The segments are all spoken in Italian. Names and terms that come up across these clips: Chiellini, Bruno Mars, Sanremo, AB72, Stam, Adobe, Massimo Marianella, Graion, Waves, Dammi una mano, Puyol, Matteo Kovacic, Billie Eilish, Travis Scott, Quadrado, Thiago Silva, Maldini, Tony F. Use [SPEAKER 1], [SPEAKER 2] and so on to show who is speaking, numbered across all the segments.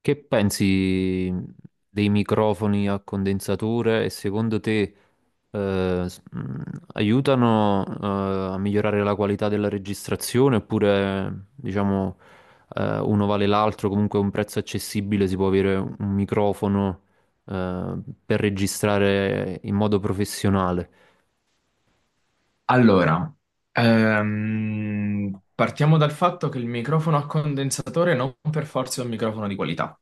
[SPEAKER 1] Che pensi dei microfoni a condensatore e secondo te eh, s- mh, aiutano a migliorare la qualità della registrazione oppure diciamo uno vale l'altro, comunque a un prezzo accessibile si può avere un microfono eh, per registrare in modo professionale?
[SPEAKER 2] Allora, partiamo dal fatto che il microfono a condensatore non per forza è un microfono di qualità.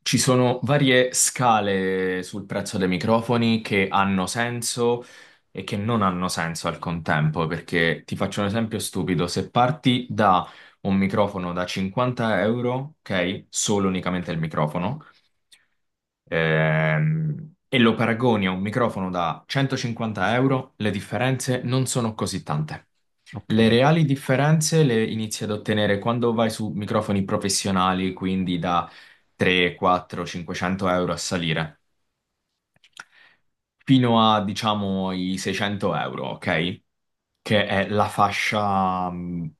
[SPEAKER 2] Ci sono varie scale sul prezzo dei microfoni che hanno senso e che non hanno senso al contempo, perché ti faccio un esempio stupido. Se parti da un microfono da 50 euro, ok, solo unicamente il microfono. E lo paragoni a un microfono da 150 euro, le differenze non sono così tante. Le
[SPEAKER 1] Ok.
[SPEAKER 2] reali differenze le inizi ad ottenere quando vai su microfoni professionali, quindi da 3, 4, 500 euro a salire fino a, diciamo, i 600 euro, ok? Che è la fascia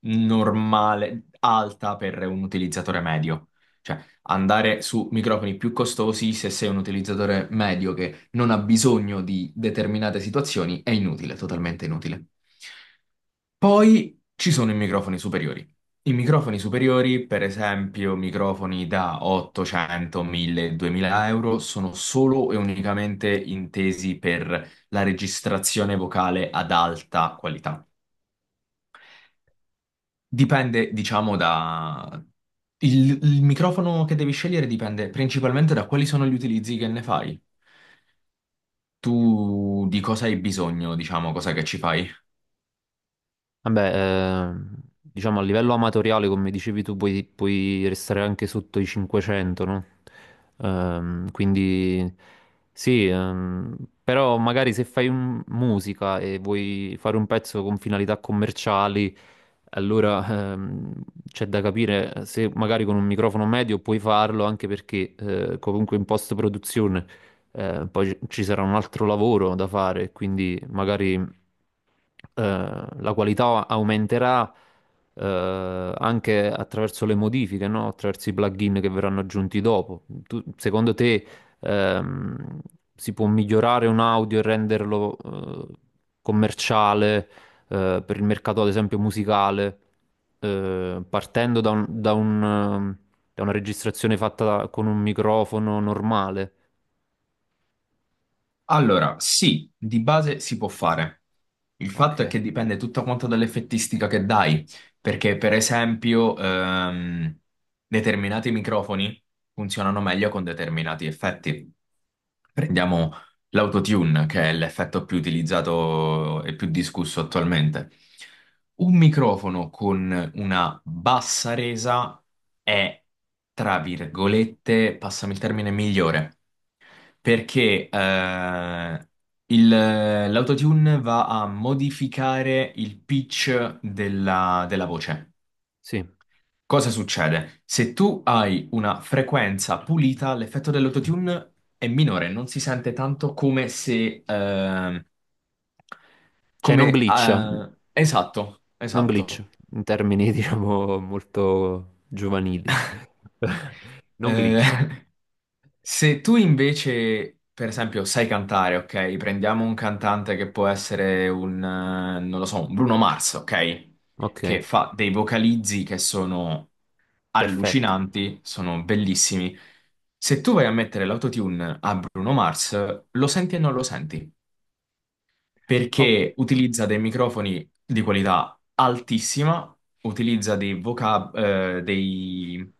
[SPEAKER 2] normale, alta per un utilizzatore medio. Cioè, andare su microfoni più costosi se sei un utilizzatore medio che non ha bisogno di determinate situazioni è inutile, totalmente inutile. Poi ci sono i microfoni superiori. I microfoni superiori, per esempio, microfoni da 800, 1000, 2000 euro, sono solo e unicamente intesi per la registrazione vocale ad alta qualità. Dipende, diciamo, da... Il microfono che devi scegliere dipende principalmente da quali sono gli utilizzi che ne fai. Tu di cosa hai bisogno, diciamo, cosa che ci fai?
[SPEAKER 1] Vabbè, ehm, diciamo a livello amatoriale, come dicevi tu, puoi restare anche sotto i 500, no? Quindi sì, però magari se musica e vuoi fare un pezzo con finalità commerciali, allora c'è da capire se magari con un microfono medio puoi farlo, anche perché comunque in post-produzione poi ci sarà un altro lavoro da fare, quindi magari la qualità aumenterà anche attraverso le modifiche, no? Attraverso i plugin che verranno aggiunti dopo. Secondo te ehm, si può migliorare un audio e renderlo eh, commerciale per il mercato, ad esempio, musicale, partendo da da una registrazione fatta con un microfono normale?
[SPEAKER 2] Allora, sì, di base si può fare. Il
[SPEAKER 1] Ok,
[SPEAKER 2] fatto è che dipende tutto quanto dall'effettistica che dai, perché per esempio determinati microfoni funzionano meglio con determinati effetti. Prendiamo l'autotune, che è l'effetto più utilizzato e più discusso attualmente. Un microfono con una bassa resa è, tra virgolette, passami il termine, migliore perché l'autotune va a modificare il pitch della voce.
[SPEAKER 1] sì.
[SPEAKER 2] Cosa succede? Se tu hai una frequenza pulita, l'effetto dell'autotune è minore, non si sente tanto come se...
[SPEAKER 1] Cioè non
[SPEAKER 2] come...
[SPEAKER 1] glitcha,
[SPEAKER 2] esatto,
[SPEAKER 1] non glitch,
[SPEAKER 2] esatto.
[SPEAKER 1] in termini diciamo molto giovanili. Non
[SPEAKER 2] Eh,
[SPEAKER 1] glitch.
[SPEAKER 2] Se tu invece, per esempio, sai cantare, ok? Prendiamo un cantante che può essere non lo so, un Bruno Mars, ok?
[SPEAKER 1] Ok,
[SPEAKER 2] Che fa dei vocalizzi che sono
[SPEAKER 1] perfetto.
[SPEAKER 2] allucinanti, sono bellissimi. Se tu vai a mettere l'autotune a Bruno Mars, lo senti e non lo senti
[SPEAKER 1] O-
[SPEAKER 2] perché utilizza dei microfoni di qualità altissima, utilizza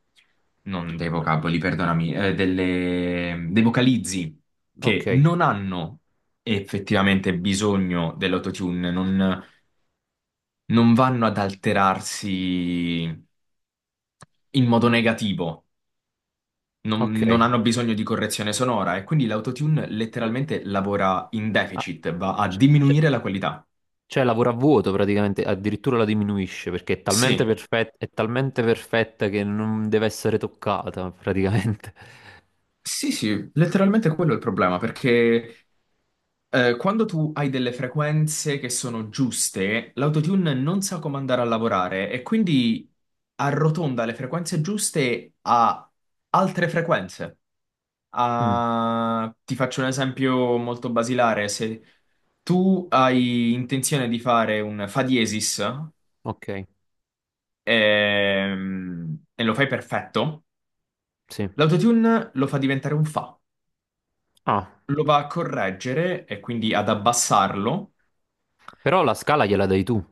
[SPEAKER 2] non dei vocaboli, perdonami, dei vocalizzi
[SPEAKER 1] ok,
[SPEAKER 2] che non hanno effettivamente bisogno dell'autotune, non vanno ad alterarsi in modo negativo.
[SPEAKER 1] ok.
[SPEAKER 2] Non hanno bisogno di correzione sonora e quindi l'autotune letteralmente lavora in
[SPEAKER 1] Ah,
[SPEAKER 2] deficit, va a
[SPEAKER 1] c- c-
[SPEAKER 2] diminuire la qualità.
[SPEAKER 1] cioè lavora a vuoto praticamente, addirittura la diminuisce perché
[SPEAKER 2] Sì.
[SPEAKER 1] è talmente perfetta che non deve essere toccata praticamente.
[SPEAKER 2] Sì, sì, letteralmente quello è il problema, perché quando tu hai delle frequenze che sono giuste, l'autotune non sa come andare a lavorare e quindi arrotonda le frequenze giuste a altre frequenze.
[SPEAKER 1] Mm,
[SPEAKER 2] Ti faccio un esempio molto basilare, se tu hai intenzione di fare un fa diesis
[SPEAKER 1] ok,
[SPEAKER 2] e lo fai perfetto,
[SPEAKER 1] sì.
[SPEAKER 2] l'autotune lo fa diventare un fa.
[SPEAKER 1] Ah,
[SPEAKER 2] Lo va a correggere e quindi ad abbassarlo.
[SPEAKER 1] però la scala gliela dai tu.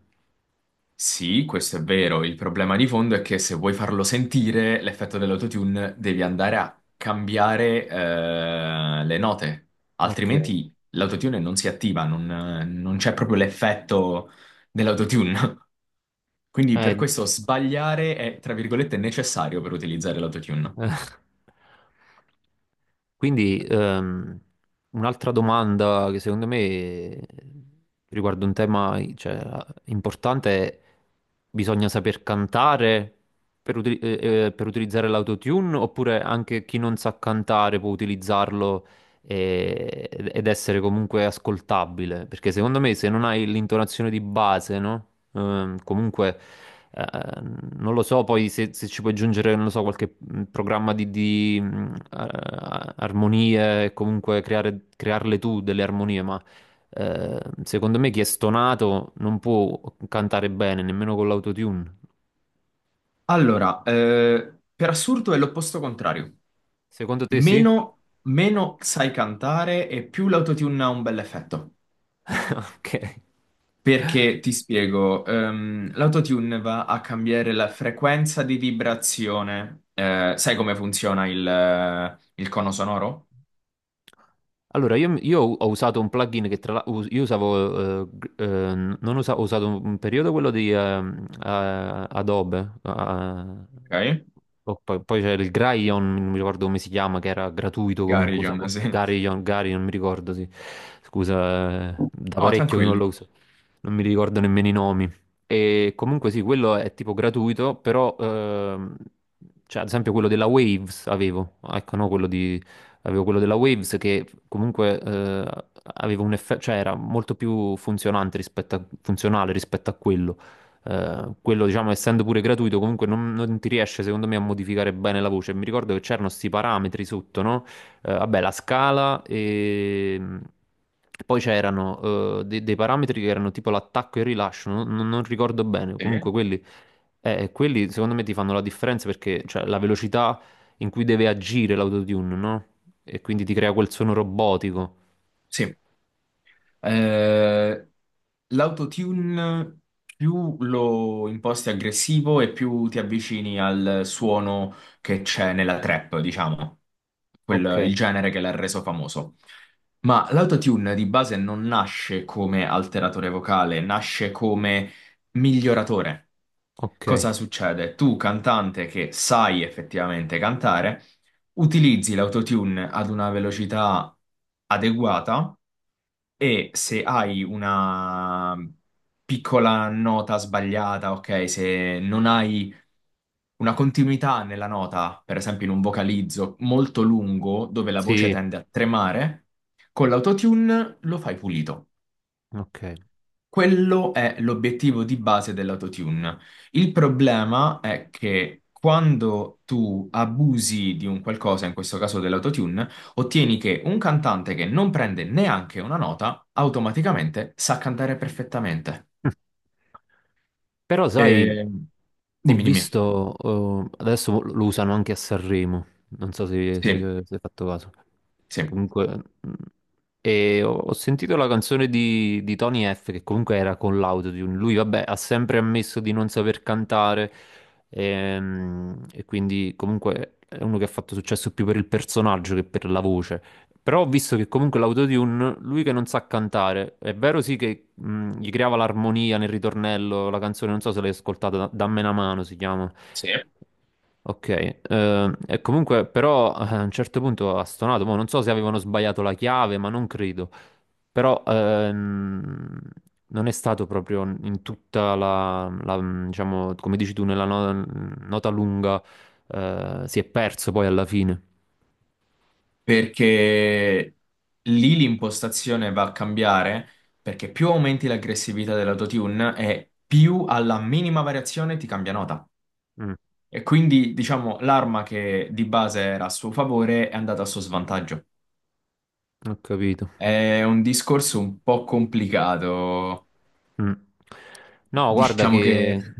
[SPEAKER 2] Sì, questo è vero. Il problema di fondo è che se vuoi farlo sentire l'effetto dell'autotune, devi andare a cambiare le note,
[SPEAKER 1] Ok.
[SPEAKER 2] altrimenti l'autotune non si attiva, non c'è proprio l'effetto dell'autotune. Quindi per
[SPEAKER 1] Eh,
[SPEAKER 2] questo sbagliare è, tra virgolette, necessario per utilizzare l'autotune.
[SPEAKER 1] Quindi un'altra domanda che secondo me riguarda un tema, cioè, importante è: bisogna saper cantare per, per utilizzare l'autotune, oppure anche chi non sa cantare può utilizzarlo ed essere comunque ascoltabile? Perché secondo me se non hai l'intonazione di base, no? Comunque, eh, non lo so, poi se ci puoi aggiungere, non lo so, qualche programma di armonie, e comunque crearle tu delle armonie, ma secondo me chi è stonato non può cantare bene, nemmeno con l'autotune.
[SPEAKER 2] Allora, per assurdo è l'opposto contrario.
[SPEAKER 1] Secondo te sì?
[SPEAKER 2] Meno, meno sai cantare e più l'autotune ha un bel effetto.
[SPEAKER 1] Ok.
[SPEAKER 2] Perché ti spiego, l'autotune va a cambiare la frequenza di vibrazione. Sai come funziona il cono sonoro?
[SPEAKER 1] Allora, io ho usato un plugin che, tra l'altro, io usavo, gr- non usa- ho usato un periodo quello di Adobe,
[SPEAKER 2] Ok?
[SPEAKER 1] oh, poi c'era il Graion, non mi ricordo come si chiama, che era
[SPEAKER 2] Il
[SPEAKER 1] gratuito comunque,
[SPEAKER 2] Garrigion,
[SPEAKER 1] usavo
[SPEAKER 2] sì.
[SPEAKER 1] Graion, Graion, non mi ricordo, sì. Scusa, da
[SPEAKER 2] Oh,
[SPEAKER 1] parecchio che non lo
[SPEAKER 2] tranquilli.
[SPEAKER 1] uso, non mi ricordo nemmeno i nomi. E comunque sì, quello è tipo gratuito, però cioè, ad esempio quello della Waves avevo, ecco, no, quello di avevo quello della Waves che comunque aveva un effetto, cioè era molto più funzionante rispetto a, funzionale rispetto a quello. Quello, diciamo, essendo pure gratuito, comunque non ti riesce, secondo me, a modificare bene la voce. Mi ricordo che c'erano questi parametri sotto, no? Vabbè, la scala e... Poi c'erano dei parametri che erano tipo l'attacco e il rilascio, non ricordo bene,
[SPEAKER 2] Sì.
[SPEAKER 1] comunque quelli, quelli secondo me ti fanno la differenza, perché cioè, la velocità in cui deve agire l'autotune, no? E quindi ti crea quel suono robotico.
[SPEAKER 2] Sì. Eh, l'autotune più lo imposti aggressivo e più ti avvicini al suono che c'è nella trap, diciamo,
[SPEAKER 1] Ok.
[SPEAKER 2] il genere che l'ha reso famoso. Ma l'autotune di base non nasce come alteratore vocale, nasce come miglioratore.
[SPEAKER 1] Ok,
[SPEAKER 2] Cosa succede? Tu, cantante che sai effettivamente cantare, utilizzi l'autotune ad una velocità adeguata e se hai una piccola nota sbagliata, ok, se non hai una continuità nella nota, per esempio in un vocalizzo molto lungo dove la voce
[SPEAKER 1] sì,
[SPEAKER 2] tende a tremare, con l'autotune lo fai pulito.
[SPEAKER 1] ok.
[SPEAKER 2] Quello è l'obiettivo di base dell'autotune. Il problema è che quando tu abusi di un qualcosa, in questo caso dell'autotune, ottieni che un cantante che non prende neanche una nota automaticamente sa cantare perfettamente.
[SPEAKER 1] Però sai,
[SPEAKER 2] E-
[SPEAKER 1] ho
[SPEAKER 2] Dimmi, dimmi.
[SPEAKER 1] visto, adesso lo usano anche a Sanremo, non so
[SPEAKER 2] Sì,
[SPEAKER 1] se hai fatto caso.
[SPEAKER 2] sì.
[SPEAKER 1] Comunque, mh, e ho sentito la canzone di Tony F, che comunque era con l'autotune. Lui, vabbè, ha sempre ammesso di non saper cantare, e quindi comunque è uno che ha fatto successo più per il personaggio che per la voce. Però ho visto che comunque l'autotune, lui che non sa cantare, è vero sì che gli creava l'armonia nel ritornello. La canzone, non so se l'hai ascoltata, Dammi una mano si chiama.
[SPEAKER 2] Sì.
[SPEAKER 1] Ok, e comunque però a un certo punto ha stonato, mo non so se avevano sbagliato la chiave, ma non credo, però non è stato proprio in tutta diciamo, come dici tu, nella nota lunga, si è perso poi alla fine.
[SPEAKER 2] Perché lì l'impostazione va a cambiare perché più aumenti l'aggressività dell'autotune e più alla minima variazione ti cambia nota.
[SPEAKER 1] Mm,
[SPEAKER 2] E quindi, diciamo, l'arma che di base era a suo favore è andata a suo svantaggio.
[SPEAKER 1] ho capito.
[SPEAKER 2] È un discorso un po' complicato.
[SPEAKER 1] Mm. No, guarda
[SPEAKER 2] Diciamo che...
[SPEAKER 1] che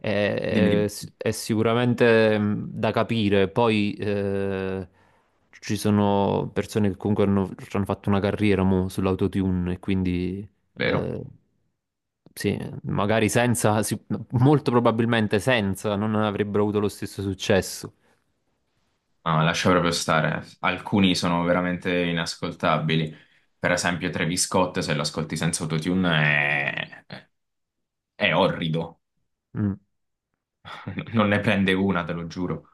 [SPEAKER 1] è,
[SPEAKER 2] Dimmi, dimmi.
[SPEAKER 1] è sicuramente mm, da capire. Poi ci sono persone che comunque ci hanno fatto una carriera mo, sull'autotune, e quindi
[SPEAKER 2] Vero.
[SPEAKER 1] eh, sì, magari senza, sì, molto probabilmente senza, non avrebbero avuto lo stesso successo.
[SPEAKER 2] No, lascia proprio stare. Alcuni sono veramente inascoltabili. Per esempio, Travis Scott, se lo ascolti senza autotune, è orrido.
[SPEAKER 1] Mm.
[SPEAKER 2] Non ne prende una, te lo giuro.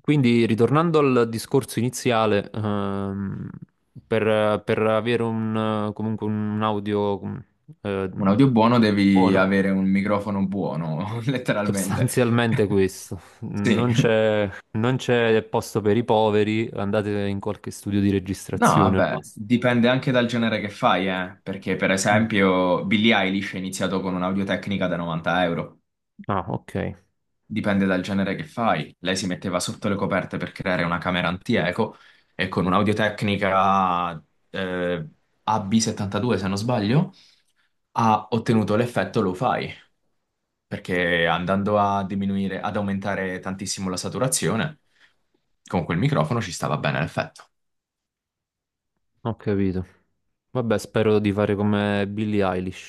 [SPEAKER 1] Quindi, ritornando al discorso iniziale, per avere un, comunque un eh,
[SPEAKER 2] Un audio buono devi
[SPEAKER 1] buono,
[SPEAKER 2] avere un microfono buono, letteralmente.
[SPEAKER 1] sostanzialmente questo, non
[SPEAKER 2] Sì.
[SPEAKER 1] c'è, non c'è posto per i poveri, andate in qualche studio di
[SPEAKER 2] No,
[SPEAKER 1] registrazione al
[SPEAKER 2] vabbè,
[SPEAKER 1] massimo.
[SPEAKER 2] dipende anche dal genere che fai, perché per
[SPEAKER 1] Mm.
[SPEAKER 2] esempio Billie Eilish è iniziato con un'audiotecnica da 90 euro.
[SPEAKER 1] Ah, ok,
[SPEAKER 2] Dipende dal genere che fai. Lei si metteva sotto le coperte per creare una camera anti-eco e con un'audiotecnica eh, AB72, se non sbaglio, ha ottenuto l'effetto lo-fi, perché andando a diminuire, ad aumentare tantissimo la saturazione, con quel microfono ci stava bene l'effetto.
[SPEAKER 1] ho capito. Vabbè, spero di fare come Billie Eilish.